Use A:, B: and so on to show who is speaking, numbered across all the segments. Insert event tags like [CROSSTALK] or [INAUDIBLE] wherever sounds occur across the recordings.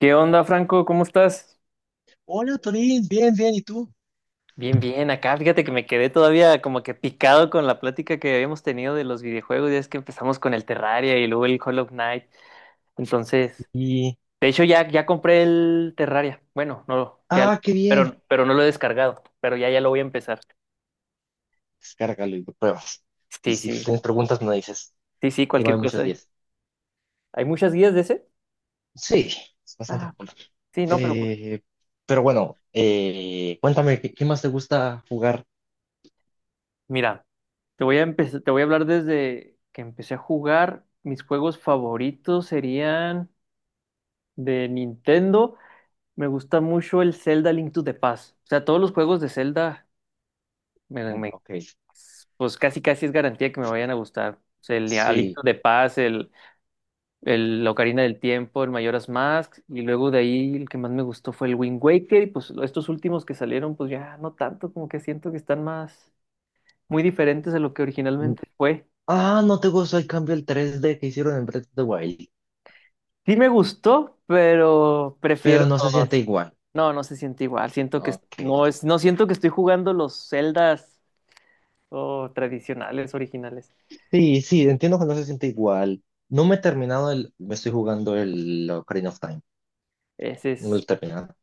A: ¿Qué onda, Franco? ¿Cómo estás?
B: Hola, Torín, bien, bien, ¿y tú?
A: Bien, bien, acá fíjate que me quedé todavía como que picado con la plática que habíamos tenido de los videojuegos, ya es que empezamos con el Terraria y luego el Hollow Knight. Entonces,
B: Y,
A: de hecho ya compré el Terraria. Bueno, no, ya,
B: ah, qué bien.
A: pero no lo he descargado, pero ya lo voy a empezar.
B: Descárgalo y lo pruebas. Y
A: Sí,
B: si
A: sí,
B: tienes preguntas, me dices.
A: sí, sí,
B: Y
A: cualquier
B: hay muchos
A: cosa.
B: 10.
A: ¿Hay muchas guías de ese?
B: Sí, es bastante
A: Ah,
B: cool.
A: sí, no,
B: Eh, pero bueno, cuéntame, ¿ qué más te gusta jugar?
A: mira, te voy a empezar, te voy a hablar desde que empecé a jugar. Mis juegos favoritos serían de Nintendo. Me gusta mucho el Zelda Link to the Past. O sea, todos los juegos de Zelda, me,
B: Mm,
A: me-
B: ok,
A: pues casi casi es garantía que me vayan a gustar. O sea, el a Link
B: sí.
A: to the Past, el la Ocarina del Tiempo, el Majora's Mask, y luego de ahí el que más me gustó fue el Wind Waker, y pues estos últimos que salieron, pues ya no tanto, como que siento que están más, muy diferentes de lo que
B: Mm,
A: originalmente fue.
B: ah, no te gusta el cambio, el 3D que hicieron en Breath of the Wild,
A: Sí me gustó, pero
B: pero
A: prefiero
B: no se
A: los...
B: siente igual.
A: No, no se siente igual. Siento que
B: Ok.
A: no es, no siento que estoy jugando los Zeldas o tradicionales, originales.
B: Sí, sí, entiendo que no se siente igual. No me he terminado el, me estoy jugando el Ocarina of Time.
A: Ese
B: No me lo he
A: es
B: terminado.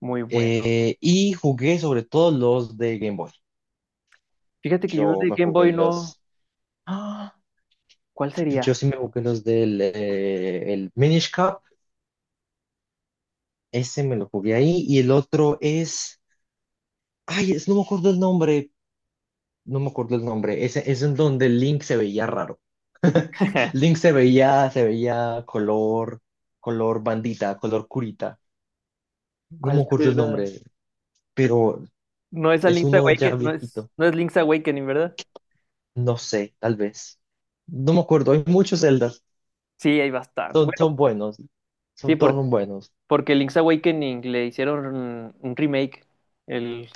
A: muy bueno.
B: Y jugué sobre todo los de Game Boy.
A: Fíjate que yo
B: Yo
A: de
B: me
A: Game
B: jugué
A: Boy no.
B: los. ¡Ah!
A: ¿Cuál
B: Yo
A: sería?
B: sí me jugué los del el Minish Cup. Ese me lo jugué ahí. Y el otro es, ay, es- no me acuerdo el nombre. No me acuerdo el nombre. Ese es en donde Link se veía raro. Link
A: [LAUGHS]
B: se veía, se veía color, color bandita, color curita. No me
A: ¿Cuál
B: acuerdo el
A: será?
B: nombre, pero
A: No es a
B: es
A: Link's
B: uno ya
A: Awakening, no es,
B: viejito.
A: no es Link's Awakening, ¿verdad?
B: No sé, tal vez. No me acuerdo. Hay muchos Zeldas.
A: Sí, hay bastante.
B: Son,
A: Bueno,
B: son buenos.
A: sí,
B: Son todos buenos.
A: porque Link's Awakening le hicieron un remake. El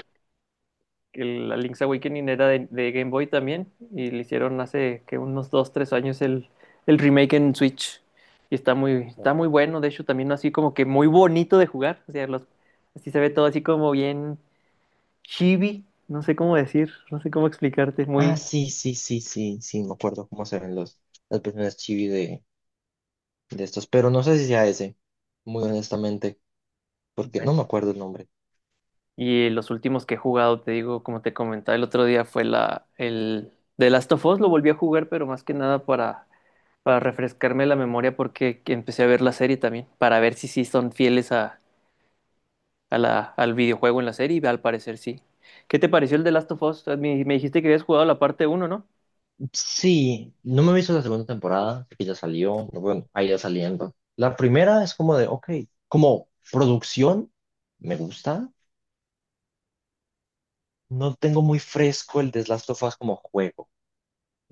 A: que la Link's Awakening era de Game Boy también y le hicieron hace que unos 2 3 años el remake en Switch y está
B: Oh.
A: muy bueno, de hecho también así como que muy bonito de jugar, o sea, los, así se ve todo así como bien chibi, no sé cómo decir, no sé cómo explicarte,
B: Ah,
A: muy
B: sí, sí, sí, sí, sí, me acuerdo cómo se ven los, las personas chibi de estos, pero no sé si sea ese, muy honestamente, porque no
A: bueno.
B: me acuerdo el nombre.
A: Y los últimos que he jugado, te digo, como te comentaba el otro día, fue la, el The Last of Us, lo volví a jugar, pero más que nada para, para refrescarme la memoria porque empecé a ver la serie también, para ver si sí son fieles a al videojuego en la serie, y al parecer sí. ¿Qué te pareció el de Last of Us? Me dijiste que habías jugado la parte uno, ¿no?
B: Sí, no me he visto la segunda temporada, que ya salió, no, bueno, ahí ya saliendo. La primera es como de, ok, como producción, me gusta. No tengo muy fresco el de Last of Us como juego,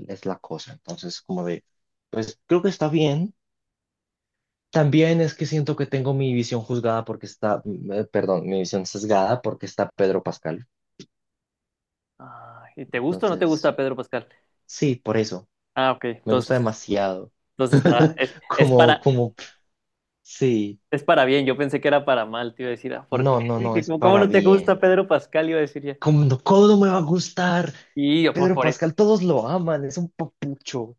B: es la cosa. Entonces, como de, pues creo que está bien. También es que siento que tengo mi visión juzgada porque está, perdón, mi visión sesgada porque está Pedro Pascal.
A: Ah, ¿y te gusta o no te
B: Entonces,
A: gusta Pedro Pascal?
B: sí, por eso.
A: Ah, ok,
B: Me
A: entonces,
B: gusta demasiado.
A: entonces está,
B: [LAUGHS] Como, como, sí.
A: es para bien, yo pensé que era para mal, te iba a decir, ah, ¿por qué?
B: No, no, no,
A: Dije,
B: es
A: ¿cómo, cómo
B: para
A: no te gusta
B: bien.
A: Pedro Pascal? Iba a decir ya.
B: Cómo no me va a gustar?
A: Y yo, pues
B: Pedro
A: por eso.
B: Pascal, todos lo aman, es un papucho.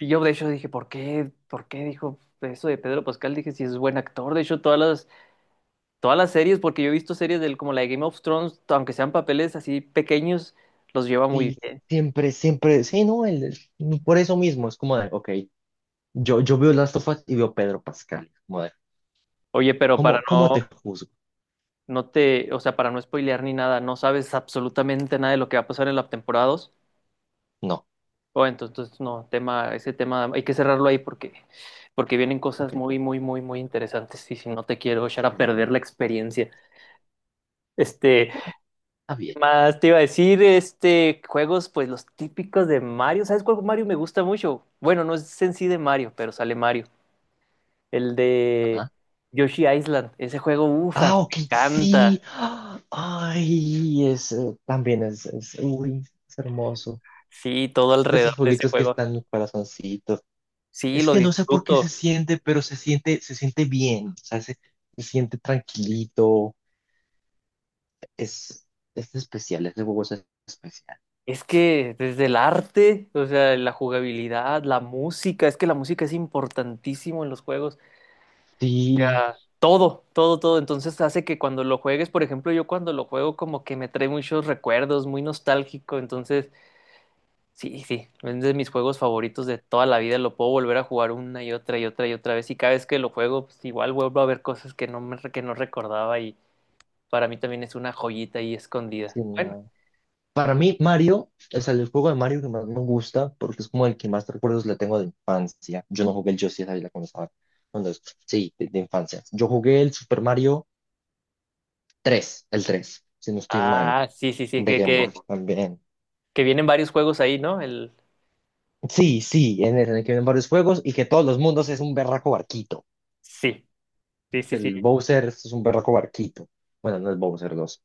A: Yo de hecho dije, ¿por qué? ¿Por qué dijo eso de Pedro Pascal? Dije, si es buen actor, de hecho todas las series, porque yo he visto series del, como la de Game of Thrones, aunque sean papeles así pequeños, los lleva muy
B: Sí,
A: bien.
B: siempre, siempre, sí, no, él- por eso mismo, es como de, ok, yo veo Last of Us y veo Pedro Pascal. Como de,
A: Oye, pero para
B: ¿cómo, cómo te
A: no,
B: juzgo?
A: no te, o sea, para no spoilear ni nada, no sabes absolutamente nada de lo que va a pasar en la temporada 2.
B: No,
A: O entonces, entonces, no, tema, ese tema hay que cerrarlo ahí porque, porque vienen
B: ok.
A: cosas muy, muy, muy, muy interesantes. Y si no te quiero echar a
B: Ok.
A: perder la experiencia. Este,
B: Está
A: ¿qué
B: bien.
A: más te iba a decir? Este, juegos, pues los típicos de Mario. ¿Sabes cuál Mario me gusta mucho? Bueno, no es en sí de Mario, pero sale Mario. El de
B: Ah,
A: Yoshi Island. Ese juego, ufa,
B: ah, ok,
A: me encanta.
B: sí. Ah, ay, es, también es, uy, es hermoso.
A: Sí, todo
B: Es de
A: alrededor
B: esos
A: de ese
B: jueguitos que
A: juego.
B: están en mi corazoncito.
A: Sí,
B: Es
A: lo
B: que no sé por qué
A: disfruto.
B: se siente, pero se siente bien. O sea, se siente tranquilito. Es, es especial, ese juego es especial.
A: Es que desde el arte, o sea, la jugabilidad, la música, es que la música es importantísimo en los juegos. O
B: Sí,
A: sea, todo, todo, todo. Entonces hace que cuando lo juegues, por ejemplo, yo cuando lo juego como que me trae muchos recuerdos, muy nostálgico. Entonces, sí, sí, es de mis juegos favoritos de toda la vida. Lo puedo volver a jugar una y otra y otra y otra vez. Y cada vez que lo juego, pues igual vuelvo a ver cosas que no me, que no recordaba y para mí también es una joyita ahí escondida.
B: sí,
A: Bueno,
B: no. Para mí, Mario es el juego de Mario que más me gusta porque es como el que más recuerdos le tengo de infancia. Yo no jugué el Yoshi de la cuando estaba. Cuando, es- sí, de infancia. Yo jugué el Super Mario 3, el 3 si no estoy mal,
A: ah, sí, sí, sí,
B: de Game Boy también.
A: que vienen varios juegos ahí, ¿no? El...
B: Sí, sí, en el que vienen varios juegos y que todos los mundos es un berraco barquito.
A: Sí, sí, sí,
B: Que
A: sí.
B: El Bowser es un berraco barquito. Bueno, no es Bowser, los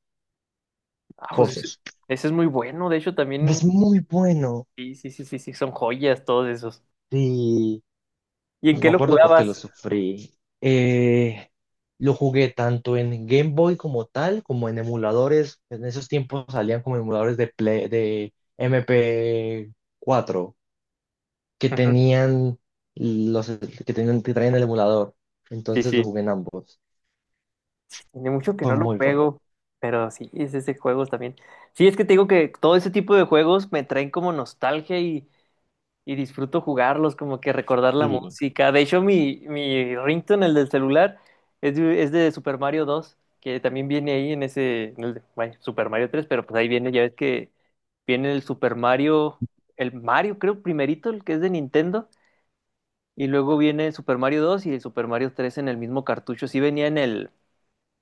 A: Ah, pues ese,
B: cosos.
A: ese es muy bueno, de hecho
B: Es
A: también,
B: muy bueno.
A: sí, sí, sí, sí, sí, son joyas todos esos.
B: Sí.
A: ¿Y en qué
B: Me
A: lo
B: acuerdo porque lo
A: jugabas?
B: sufrí. Eh, lo jugué tanto en Game Boy como tal, como en emuladores. En esos tiempos salían como emuladores de Play- de MP4 que
A: Ujú.
B: tenían los que tenían que traían el emulador.
A: Sí,
B: Entonces lo
A: sí,
B: jugué en ambos.
A: sí, tiene mucho que
B: Fue
A: no lo
B: muy bueno.
A: juego, pero sí, es ese juego también. Sí, es que te digo que todo ese tipo de juegos me traen como nostalgia y. Y disfruto jugarlos, como que recordar la
B: Sí.
A: música. De hecho, mi ringtone, el del celular, es es de Super Mario 2 que también viene ahí en ese, bueno, Super Mario 3 pero pues ahí viene, ya ves que viene el Super Mario, el Mario creo primerito, el que es de Nintendo, y luego viene el Super Mario 2 y el Super Mario 3 en el mismo cartucho. Sí venía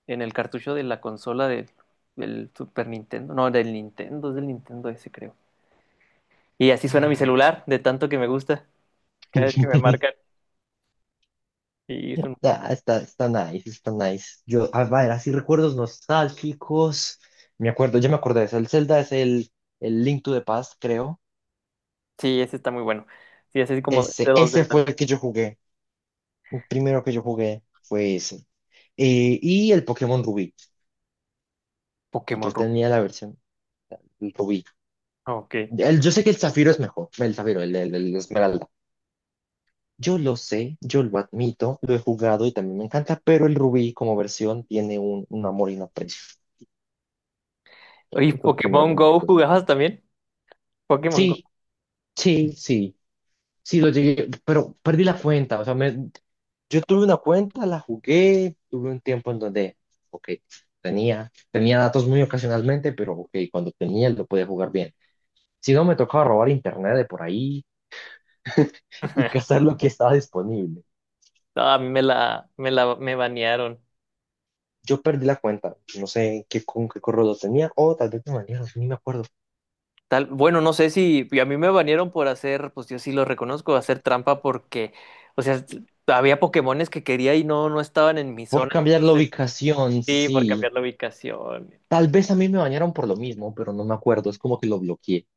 A: en el cartucho de la consola del, del Super Nintendo, no, del Nintendo, es del Nintendo ese creo. Y así suena mi
B: Ay.
A: celular, de tanto que me gusta, cada vez que me
B: [LAUGHS]
A: marca. Sí, es un-
B: Está, está, está nice, está nice. Yo, a ver, así recuerdos nostálgicos. Me acuerdo, ya me acordé de eso. El Zelda es el Link to the Past, creo.
A: sí, ese está muy bueno. Sí, es así como de este
B: Ese,
A: dos d
B: ese fue
A: también.
B: el que yo jugué. El primero que yo jugué fue ese. Y el Pokémon Rubí. Yo
A: Pokémon Rubí.
B: tenía la versión Rubí.
A: Ok.
B: El- yo sé que el Zafiro es mejor. El Zafiro, el Esmeralda. Yo lo sé, yo lo admito, lo he jugado y también me encanta, pero el Rubí como versión tiene un amor y un aprecio.
A: Oye,
B: Fue el primero
A: ¿Pokémon
B: con el que
A: Go
B: tuve.
A: jugabas también? Pokémon Go.
B: Sí, sí, sí. Sí, lo llegué, pero perdí la cuenta. O sea, me, yo tuve una cuenta, la jugué, tuve un tiempo en donde, ok, tenía, tenía datos muy ocasionalmente, pero ok, cuando tenía lo podía jugar bien. Si no, me tocaba robar internet de por ahí [LAUGHS] y
A: [LAUGHS]
B: cazar lo que estaba disponible.
A: No, a mí me banearon.
B: Yo perdí la cuenta, no sé qué, con qué correo lo tenía, o tal vez me bañaron, ni me acuerdo.
A: Tal, bueno, no sé si a mí me banearon por hacer, pues yo sí lo reconozco, hacer trampa porque, o sea, había Pokémones que quería y no, no estaban en mi
B: Por
A: zona,
B: cambiar la
A: entonces
B: ubicación,
A: sí, por
B: sí.
A: cambiar la ubicación.
B: Tal vez a mí me bañaron por lo mismo, pero no me acuerdo, es como que lo bloqueé.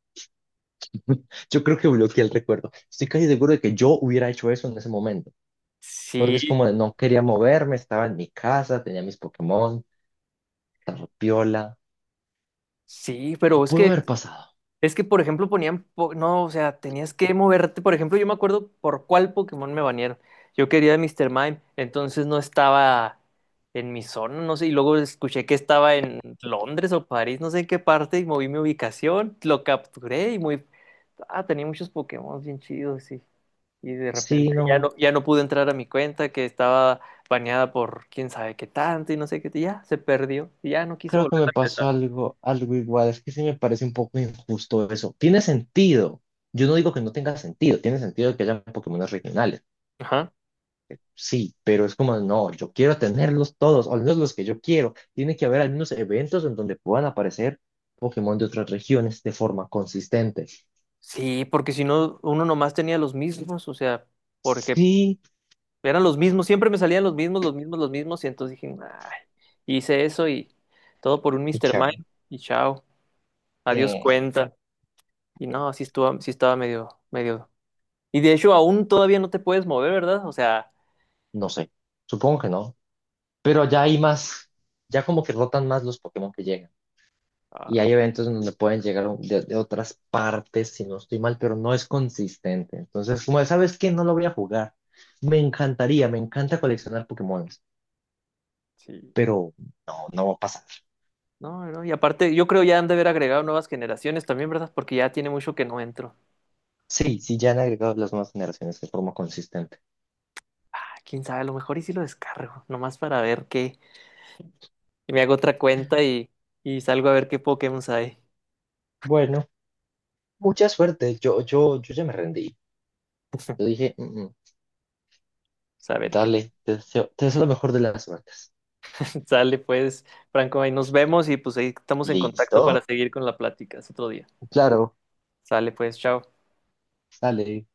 B: Yo creo que bloqueé el recuerdo. Estoy casi seguro de que yo hubiera hecho eso en ese momento, porque
A: Sí,
B: es como de no quería moverme, estaba en mi casa, tenía mis Pokémon, estaba piola.
A: sí, pero es
B: Pudo
A: que
B: haber pasado.
A: es que, por ejemplo, ponían, no, o sea, tenías que moverte. Por ejemplo, yo me acuerdo por cuál Pokémon me banearon. Yo quería a Mr. Mime, entonces no estaba en mi zona, no sé, y luego escuché que estaba en Londres o París, no sé en qué parte, y moví mi ubicación, lo capturé y muy... Ah, tenía muchos Pokémon bien chidos, sí. Y de
B: Sí,
A: repente ya
B: no,
A: no, ya no pude entrar a mi cuenta, que estaba baneada por quién sabe qué tanto y no sé qué, y ya se perdió, y ya no quise
B: creo que
A: volver
B: me
A: a
B: pasó algo, algo igual. Es que sí me parece un poco injusto eso. Tiene sentido. Yo no digo que no tenga sentido, tiene sentido que haya Pokémon regionales.
A: empezar.
B: Sí, pero es como, no, yo quiero tenerlos todos, o al menos los que yo quiero. Tiene que haber algunos eventos en donde puedan aparecer Pokémon de otras regiones de forma consistente.
A: Sí, porque si no, uno nomás tenía los mismos, o sea, porque
B: Sí,
A: eran los mismos, siempre me salían los mismos, los mismos, los mismos, y entonces dije, "Ay", hice eso y todo por un
B: qué
A: Mr. Mind,
B: chavo.
A: y chao, adiós
B: Eh,
A: cuenta. Y no, así estuvo, sí estaba medio, medio. Y de hecho, aún todavía no te puedes mover, ¿verdad? O sea,
B: no sé, supongo que no. Pero ya hay más, ya como que rotan más los Pokémon que llegan. Y
A: ah,
B: hay eventos en donde pueden llegar un- de otras partes, si no estoy mal, pero no es consistente. Entonces, como de, sabes que no lo voy a jugar. Me encantaría, me encanta coleccionar Pokémon,
A: sí.
B: pero no, no va a pasar.
A: No, no, y aparte, yo creo ya han de haber agregado nuevas generaciones también, ¿verdad? Porque ya tiene mucho que no entro.
B: Sí, sí, ya han agregado las nuevas generaciones de forma consistente.
A: Ah, quién sabe, a lo mejor y si lo descargo, nomás para ver qué. Y me hago otra cuenta y salgo a ver qué Pokémon hay.
B: Bueno, mucha suerte. Yo ya me rendí. Yo dije, "Mm, mm,
A: Pues, a ver qué
B: dale, te deseo lo mejor de las suertes".
A: [LAUGHS] sale, pues, Franco, ahí nos vemos y pues ahí estamos en contacto para
B: Listo.
A: seguir con la plática. Es otro día.
B: Claro,
A: Sale, pues, chao.
B: sale.